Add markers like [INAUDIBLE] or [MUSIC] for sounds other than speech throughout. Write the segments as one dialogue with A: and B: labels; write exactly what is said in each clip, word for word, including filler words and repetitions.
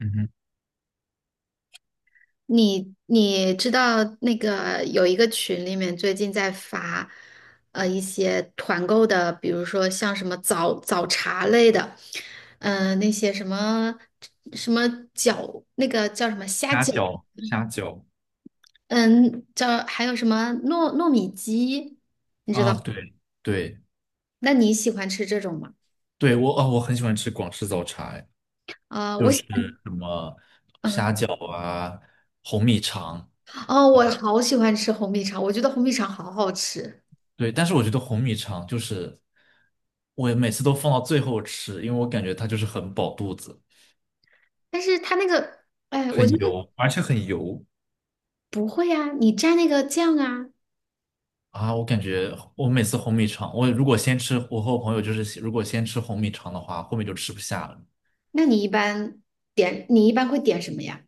A: 嗯哼，
B: 你你知道那个有一个群里面最近在发，呃，一些团购的，比如说像什么早早茶类的，嗯、那些什么什么饺，那个叫什么虾
A: 虾
B: 饺，
A: 饺，虾饺
B: 嗯，叫还有什么糯糯米鸡，你知道？
A: 啊。对对
B: 那你喜欢吃这种吗？
A: 对。我哦，我很喜欢吃广式早茶。哎，
B: 啊、我
A: 就
B: 喜
A: 是
B: 欢，
A: 什么虾
B: 嗯，
A: 饺啊，红米肠。
B: 哦，我好喜欢吃红米肠，我觉得红米肠好好吃，
A: 对，但是我觉得红米肠就是我每次都放到最后吃，因为我感觉它就是很饱肚子，
B: 但是它那个，哎，我
A: 很
B: 觉得
A: 油，而且很油
B: 不会啊，你蘸那个酱啊。
A: 啊，我感觉我每次红米肠，我如果先吃，我和我朋友就是如果先吃红米肠的话，后面就吃不下了。
B: 那你一般点，你一般会点什么呀？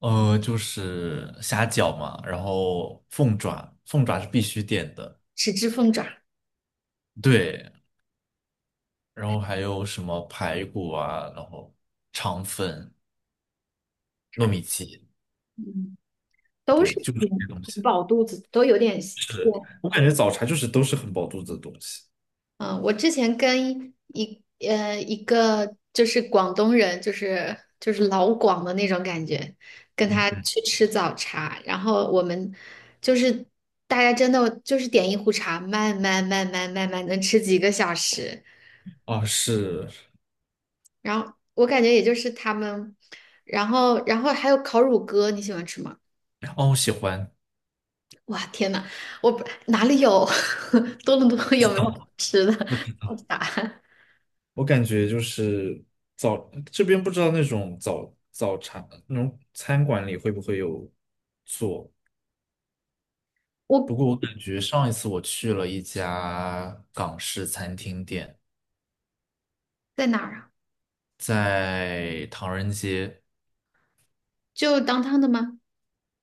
A: 呃，就是虾饺嘛，然后凤爪，凤爪是必须点的。
B: 豉汁凤爪，
A: 对，然后还有什么排骨啊，然后肠粉、糯米鸡。
B: 嗯，都是
A: 对，就是这些
B: 挺
A: 东西。
B: 挺饱肚子，都有点
A: 是，
B: 偏。
A: 我感觉早茶就是都是很饱肚子的东西。
B: 嗯，我之前跟一呃一个就是广东人，就是就是老广的那种感觉，跟
A: 嗯
B: 他
A: 嗯。
B: 去吃早茶，然后我们就是大家真的就是点一壶茶，慢慢慢慢慢慢能吃几个小时，
A: 啊是。
B: 然后我感觉也就是他们，然后然后还有烤乳鸽，你喜欢吃吗？
A: 哦，我喜欢。
B: 哇，天呐，我不哪里有 [LAUGHS] 多伦多有没有吃的
A: 我知
B: [LAUGHS] 好
A: 道。
B: 傻，
A: 我感觉就是早这边不知道那种早早茶那种餐馆里会不会有做。不
B: 我
A: 过我感觉上一次我去了一家港式餐厅店，
B: 在哪儿啊？
A: 在唐人街。
B: 就当 o 的吗？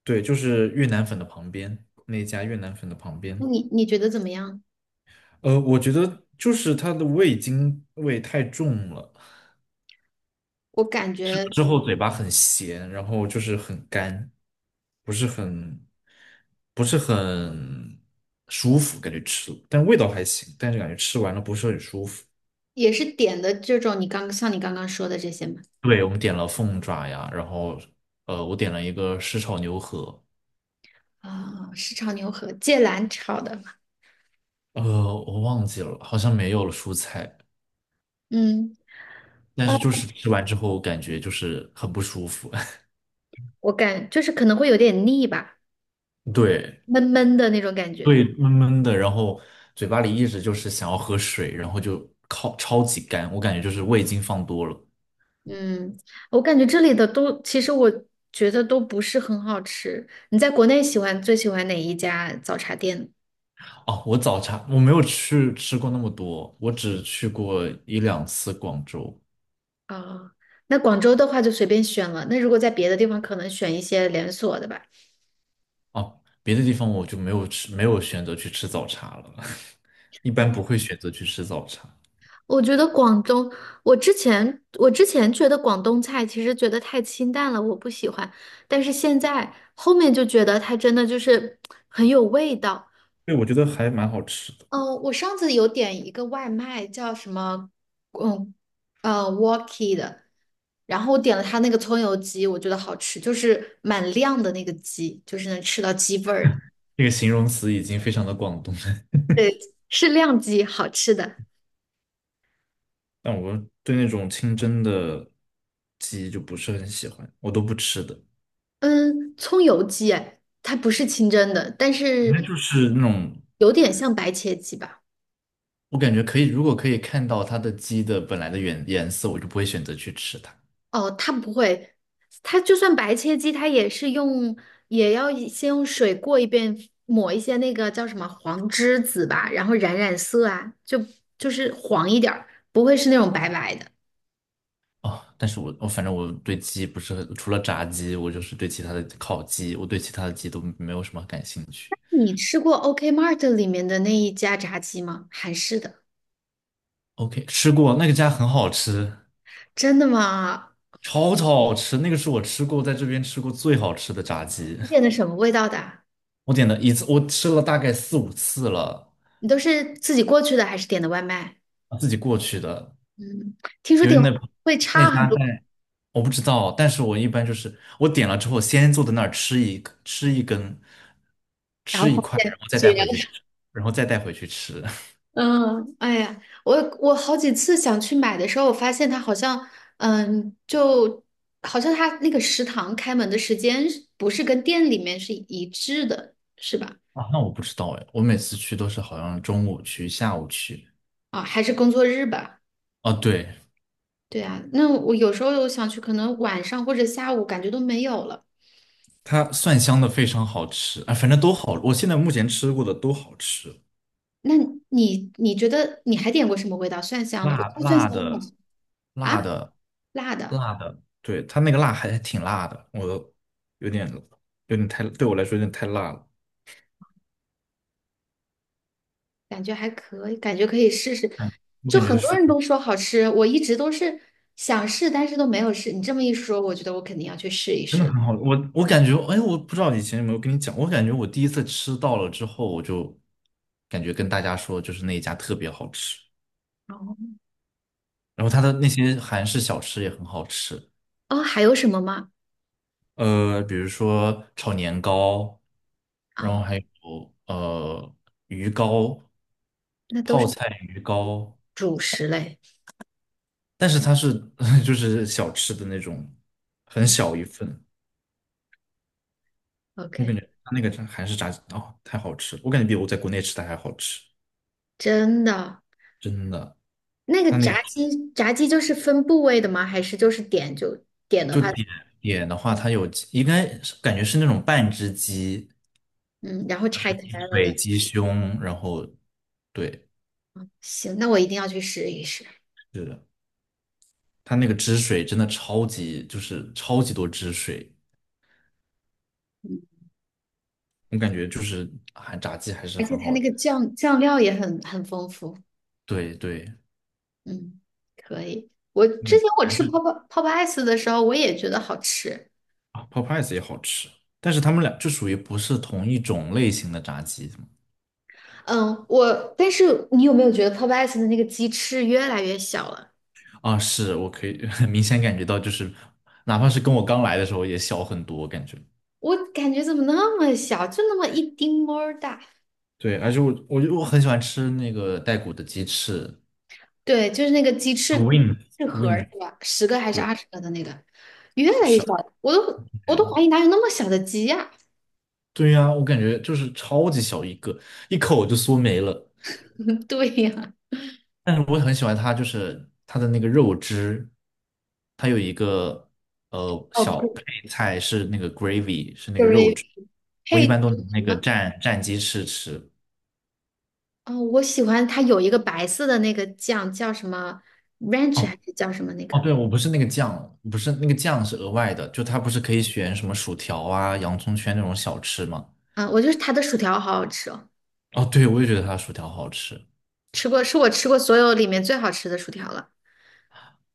A: 对，就是越南粉的旁边，那一家越南粉的旁
B: 那
A: 边。
B: 你你觉得怎么样？
A: 呃，我觉得就是它的味精味太重了，
B: 我感觉
A: 之后嘴巴很咸，然后就是很干，不是很不是很舒服，感觉吃，但味道还行，但是感觉吃完了不是很舒服。
B: 也是点的这种，你刚像你刚刚说的这些嘛。
A: 对，我们点了凤爪呀，然后呃，我点了一个湿炒牛河。
B: 啊、是炒牛河，芥蓝炒的嘛
A: 呃，我忘记了，好像没有了蔬菜，
B: 嗯，
A: 但
B: 啊，
A: 是就是吃完之后感觉就是很不舒服。
B: 我感就是可能会有点腻吧，
A: [LAUGHS] 对
B: 闷闷的那种感觉。
A: 对，闷闷的，然后嘴巴里一直就是想要喝水，然后就靠超级干，我感觉就是味精放多了。
B: 嗯，我感觉这里的都，其实我觉得都不是很好吃。你在国内喜欢最喜欢哪一家早茶店？
A: 哦，我早茶我没有去吃过那么多，我只去过一两次广州。
B: 哦，那广州的话就随便选了。那如果在别的地方，可能选一些连锁的吧。
A: 哦，别的地方我就没有吃，没有选择去吃早茶了。[LAUGHS] 一般不会选择去吃早茶。
B: 我觉得广东，我之前我之前觉得广东菜其实觉得太清淡了，我不喜欢。但是现在后面就觉得它真的就是很有味道。
A: 对，我觉得还蛮好吃的。
B: 嗯，我上次有点一个外卖，叫什么，嗯，呃，Walkie 的，然后我点了它那个葱油鸡，我觉得好吃，就是蛮亮的那个鸡，就是能吃到鸡味儿的。
A: 那个形容词已经非常的广东了。[LAUGHS]
B: 对，是亮鸡，好吃的。
A: 但我对那种清蒸的鸡就不是很喜欢，我都不吃的。
B: 嗯，葱油鸡，哎，它不是清蒸的，但
A: 反正
B: 是
A: 就是那种，
B: 有点像白切鸡吧？
A: 我感觉可以，如果可以看到它的鸡的本来的原颜色，我就不会选择去吃它。
B: 哦，它不会，它就算白切鸡，它也是用，也要一先用水过一遍，抹一些那个叫什么黄栀子吧，然后染染色啊，就就是黄一点儿，不会是那种白白的。
A: 哦，但是我我反正我对鸡不是很，除了炸鸡，我就是对其他的烤鸡，我对其他的鸡都没有什么感兴趣。
B: 你吃过 OK Mart 里面的那一家炸鸡吗？韩式的，
A: OK，吃过那个家很好吃，
B: 真的吗？
A: 超超好吃。那个是我吃过在这边吃过最好吃的炸鸡。
B: 你点的
A: [LAUGHS]
B: 什么味道的啊
A: 我点了一次，我吃了大概四五次了。
B: 你都是自己过去的还是点的外卖？
A: 自己过去的，
B: 嗯，听说
A: 因为
B: 点外
A: 那
B: 卖会
A: 那
B: 差很
A: 家
B: 多，
A: 在我不知道，但是我一般就是我点了之后先坐在那儿吃一个吃一根，
B: 然后
A: 吃一
B: 发
A: 块，
B: 现，
A: 然后再
B: 绝
A: 带
B: 了
A: 回去吃，然后再带回去吃。[LAUGHS]
B: 嗯，哎呀，我我好几次想去买的时候，我发现它好像，嗯，就好像它那个食堂开门的时间是不是跟店里面是一致的，是吧？
A: 啊，那我不知道哎，我每次去都是好像中午去，下午去。
B: 啊，还是工作日吧？
A: 哦，对。
B: 对啊，那我有时候我想去，可能晚上或者下午感觉都没有了。
A: 它蒜香的非常好吃，啊，反正都好，我现在目前吃过的都好吃。
B: 那你你觉得你还点过什么味道蒜香的？我
A: 辣
B: 看蒜香
A: 辣
B: 的好
A: 的，
B: 像啊，
A: 辣的。
B: 辣的。
A: 辣的，对，它那个辣还挺辣的，我有点有点太，对我来说有点太辣了。
B: 感觉还可以，感觉可以试试。
A: 嗯，我
B: 就
A: 感觉
B: 很多
A: 是
B: 人都说好吃，我一直都是想试，但是都没有试。你这么一说，我觉得我肯定要去试一
A: 真的
B: 试。
A: 很好，我我感觉，哎，我不知道以前有没有跟你讲，我感觉我第一次吃到了之后，我就感觉跟大家说，就是那一家特别好吃，
B: 哦，
A: 然后它的那些韩式小吃也很好吃。
B: 哦，还有什么吗？
A: 呃，比如说炒年糕，然后
B: 啊，
A: 还有呃鱼糕、
B: 那都
A: 泡
B: 是
A: 菜鱼糕。
B: 主食类。
A: 但是它是 [LAUGHS] 就是小吃的那种，很小一份。我感觉
B: OK，
A: 它那个炸韩式炸鸡哦，太好吃了，我感觉比我在国内吃的还好吃。
B: 真的，
A: 真的。
B: 那个
A: 它那个
B: 炸鸡，炸鸡就是分部位的吗？还是就是点就点的
A: 就
B: 话，
A: 点点的话，它有应该是感觉是那种半只鸡、
B: 嗯，然后拆开
A: 鸡
B: 了
A: 腿、
B: 的。
A: 鸡胸，然后对。
B: 行，那我一定要去试一试。
A: 是的。它那个汁水真的超级，就是超级多汁水，
B: 嗯，
A: 我感觉就是还炸鸡还是
B: 而且
A: 很
B: 它
A: 好
B: 那
A: 吃。
B: 个酱酱料也很很丰富。
A: 对对。
B: 嗯，可以。我
A: 我
B: 之
A: 感觉
B: 前我
A: 还
B: 吃
A: 是
B: 泡泡泡泡 ice 的时候，我也觉得好吃。
A: 啊泡 o p 也好吃，但是他们俩就属于不是同一种类型的炸鸡。
B: 嗯，我但是你有没有觉得泡泡 ice 的那个鸡翅越来越小了？
A: 啊，是我可以 [LAUGHS] 很明显感觉到，就是哪怕是跟我刚来的时候也小很多，我感觉
B: 我感觉怎么那么小，就那么一丁么儿大。
A: 对，而且我我就我很喜欢吃那个带骨的鸡翅
B: 对，就是那个鸡
A: w
B: 翅
A: i n g
B: 翅盒儿是吧？十个还是
A: 对，
B: 二十个的那个，越来越
A: 是
B: 小
A: 啊。
B: 了我都我都
A: 嗯，
B: 怀疑哪有那么小的鸡呀、
A: 对呀，我感觉就是超级小一个，一口就嗦没了。
B: [LAUGHS] 对呀、
A: 但是我很喜欢它，就是它的那个肉汁，它有一个呃
B: 哦
A: 小配菜是那个 gravy，是那个肉
B: ，gravy
A: 汁。我一
B: 配。
A: 般都拿那个蘸蘸鸡翅吃。
B: 哦，我喜欢它有一个白色的那个酱，叫什么 ranch
A: 哦
B: 还是叫什么那
A: 哦，
B: 个？
A: 对，我不是那个酱，不是那个酱是额外的，就它不是可以选什么薯条啊、洋葱圈那种小吃吗？
B: 嗯，我就是它的薯条好好吃哦，
A: 哦，对，我也觉得它的薯条好吃。
B: 吃过是我吃过所有里面最好吃的薯条了，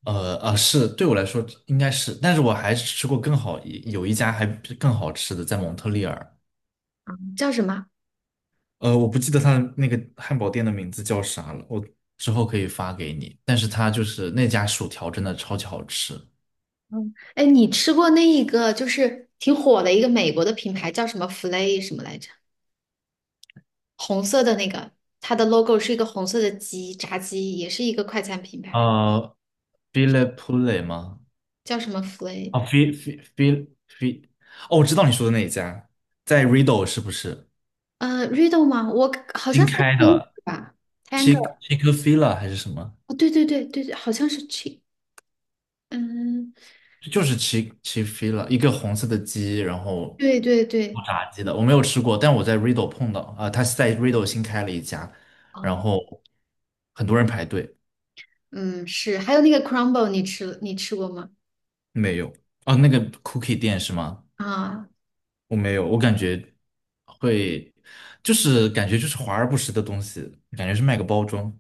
A: 呃啊，是对我来说应该是，但是我还是吃过更好一有一家还更好吃的，在蒙特利尔。
B: 叫什么？
A: 呃，我不记得他的那个汉堡店的名字叫啥了，我之后可以发给你。但是他就是那家薯条真的超级好吃。
B: 嗯，哎，你吃过那一个就是挺火的一个美国的品牌叫什么 Flay 什么来着？红色的那个，它的 logo 是一个红色的鸡，炸鸡也是一个快餐品牌，
A: 呃，File p o e 吗？
B: 叫什么 Flay？
A: 啊，File File File，哦，我知道你说的那一家，在 r i d d l e 是不是
B: 呃，Riddle 吗？我好
A: 新
B: 像在
A: 开
B: 听
A: 的
B: 吧
A: ？Chick
B: ，Tanger，
A: Chick-fil-A 还是什么？
B: 哦，对对对对对，好像是 Chi，嗯。
A: 就是 Chick Chick-fil-A，一个红色的鸡，然后
B: 对对
A: 做
B: 对，
A: 炸鸡的。我没有吃过，但我在 r i d d l e 碰到，啊、它是在 r i d d l e 新开了一家，然
B: 哦，
A: 后很多人排队。
B: 嗯，是。还有那个 crumble，你吃你吃过吗？
A: 没有啊，那个 cookie 店是吗？
B: 啊，
A: 我没有，我感觉会，就是感觉就是华而不实的东西，感觉是卖个包装。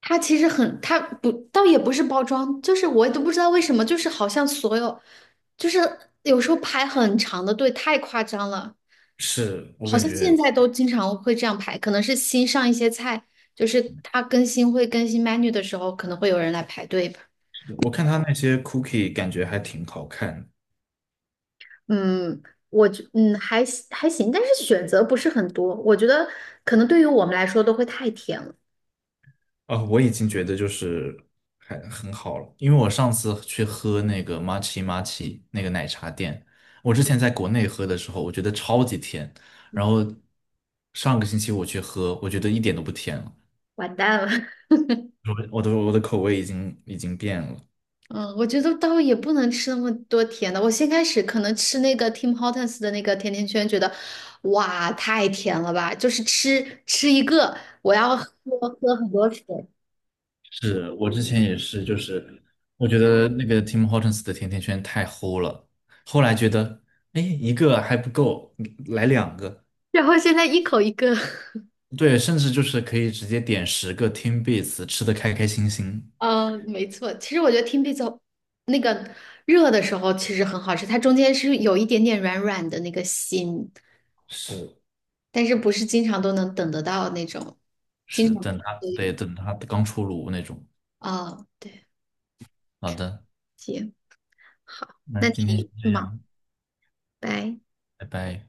B: 它其实很，它不，倒也不是包装，就是我都不知道为什么，就是好像所有，就是有时候排很长的队，太夸张了。
A: 是我
B: 好
A: 感
B: 像现
A: 觉，
B: 在都经常会这样排，可能是新上一些菜，就是它更新会更新 menu 的时候，可能会有人来排队吧。
A: 我看他那些 cookie 感觉还挺好看。
B: 嗯，我觉嗯还行还行，但是选择不是很多，我觉得可能对于我们来说都会太甜了。
A: 啊，哦我已经觉得就是还很好了，因为我上次去喝那个 m a c h m a c h 那个奶茶店，我之前在国内喝的时候，我觉得超级甜，然后上个星期我去喝，我觉得一点都不甜了，
B: 完蛋了。[LAUGHS]
A: 我我的我的口味已经已经变了。
B: 嗯，我觉得倒也不能吃那么多甜的。我先开始可能吃那个 Tim Hortons 的那个甜甜圈，觉得哇太甜了吧，就是吃吃一个，我要喝喝很多水。
A: 是我之前也是，就是我觉得那个 Tim Hortons 的甜甜圈太齁了，后来觉得，哎，一个还不够，嗯来两个。
B: 然后现在一口一个，
A: 对，甚至就是可以直接点十个 Tim Beats，吃的开开心心。
B: [LAUGHS] 嗯，没错。其实我觉得 Tim Pizza 那个热的时候其实很好吃，它中间是有一点点软软的那个心，
A: 是。
B: 但是不是经常都能等得到那种，经
A: 是，
B: 常
A: 等它，
B: 对
A: 对，
B: 有。
A: 等它刚出炉那种。
B: 哦，对，
A: 好的，
B: 行，好，
A: 那
B: 那
A: 今天先
B: 你
A: 这
B: 忙。
A: 样，
B: 拜。
A: 拜拜。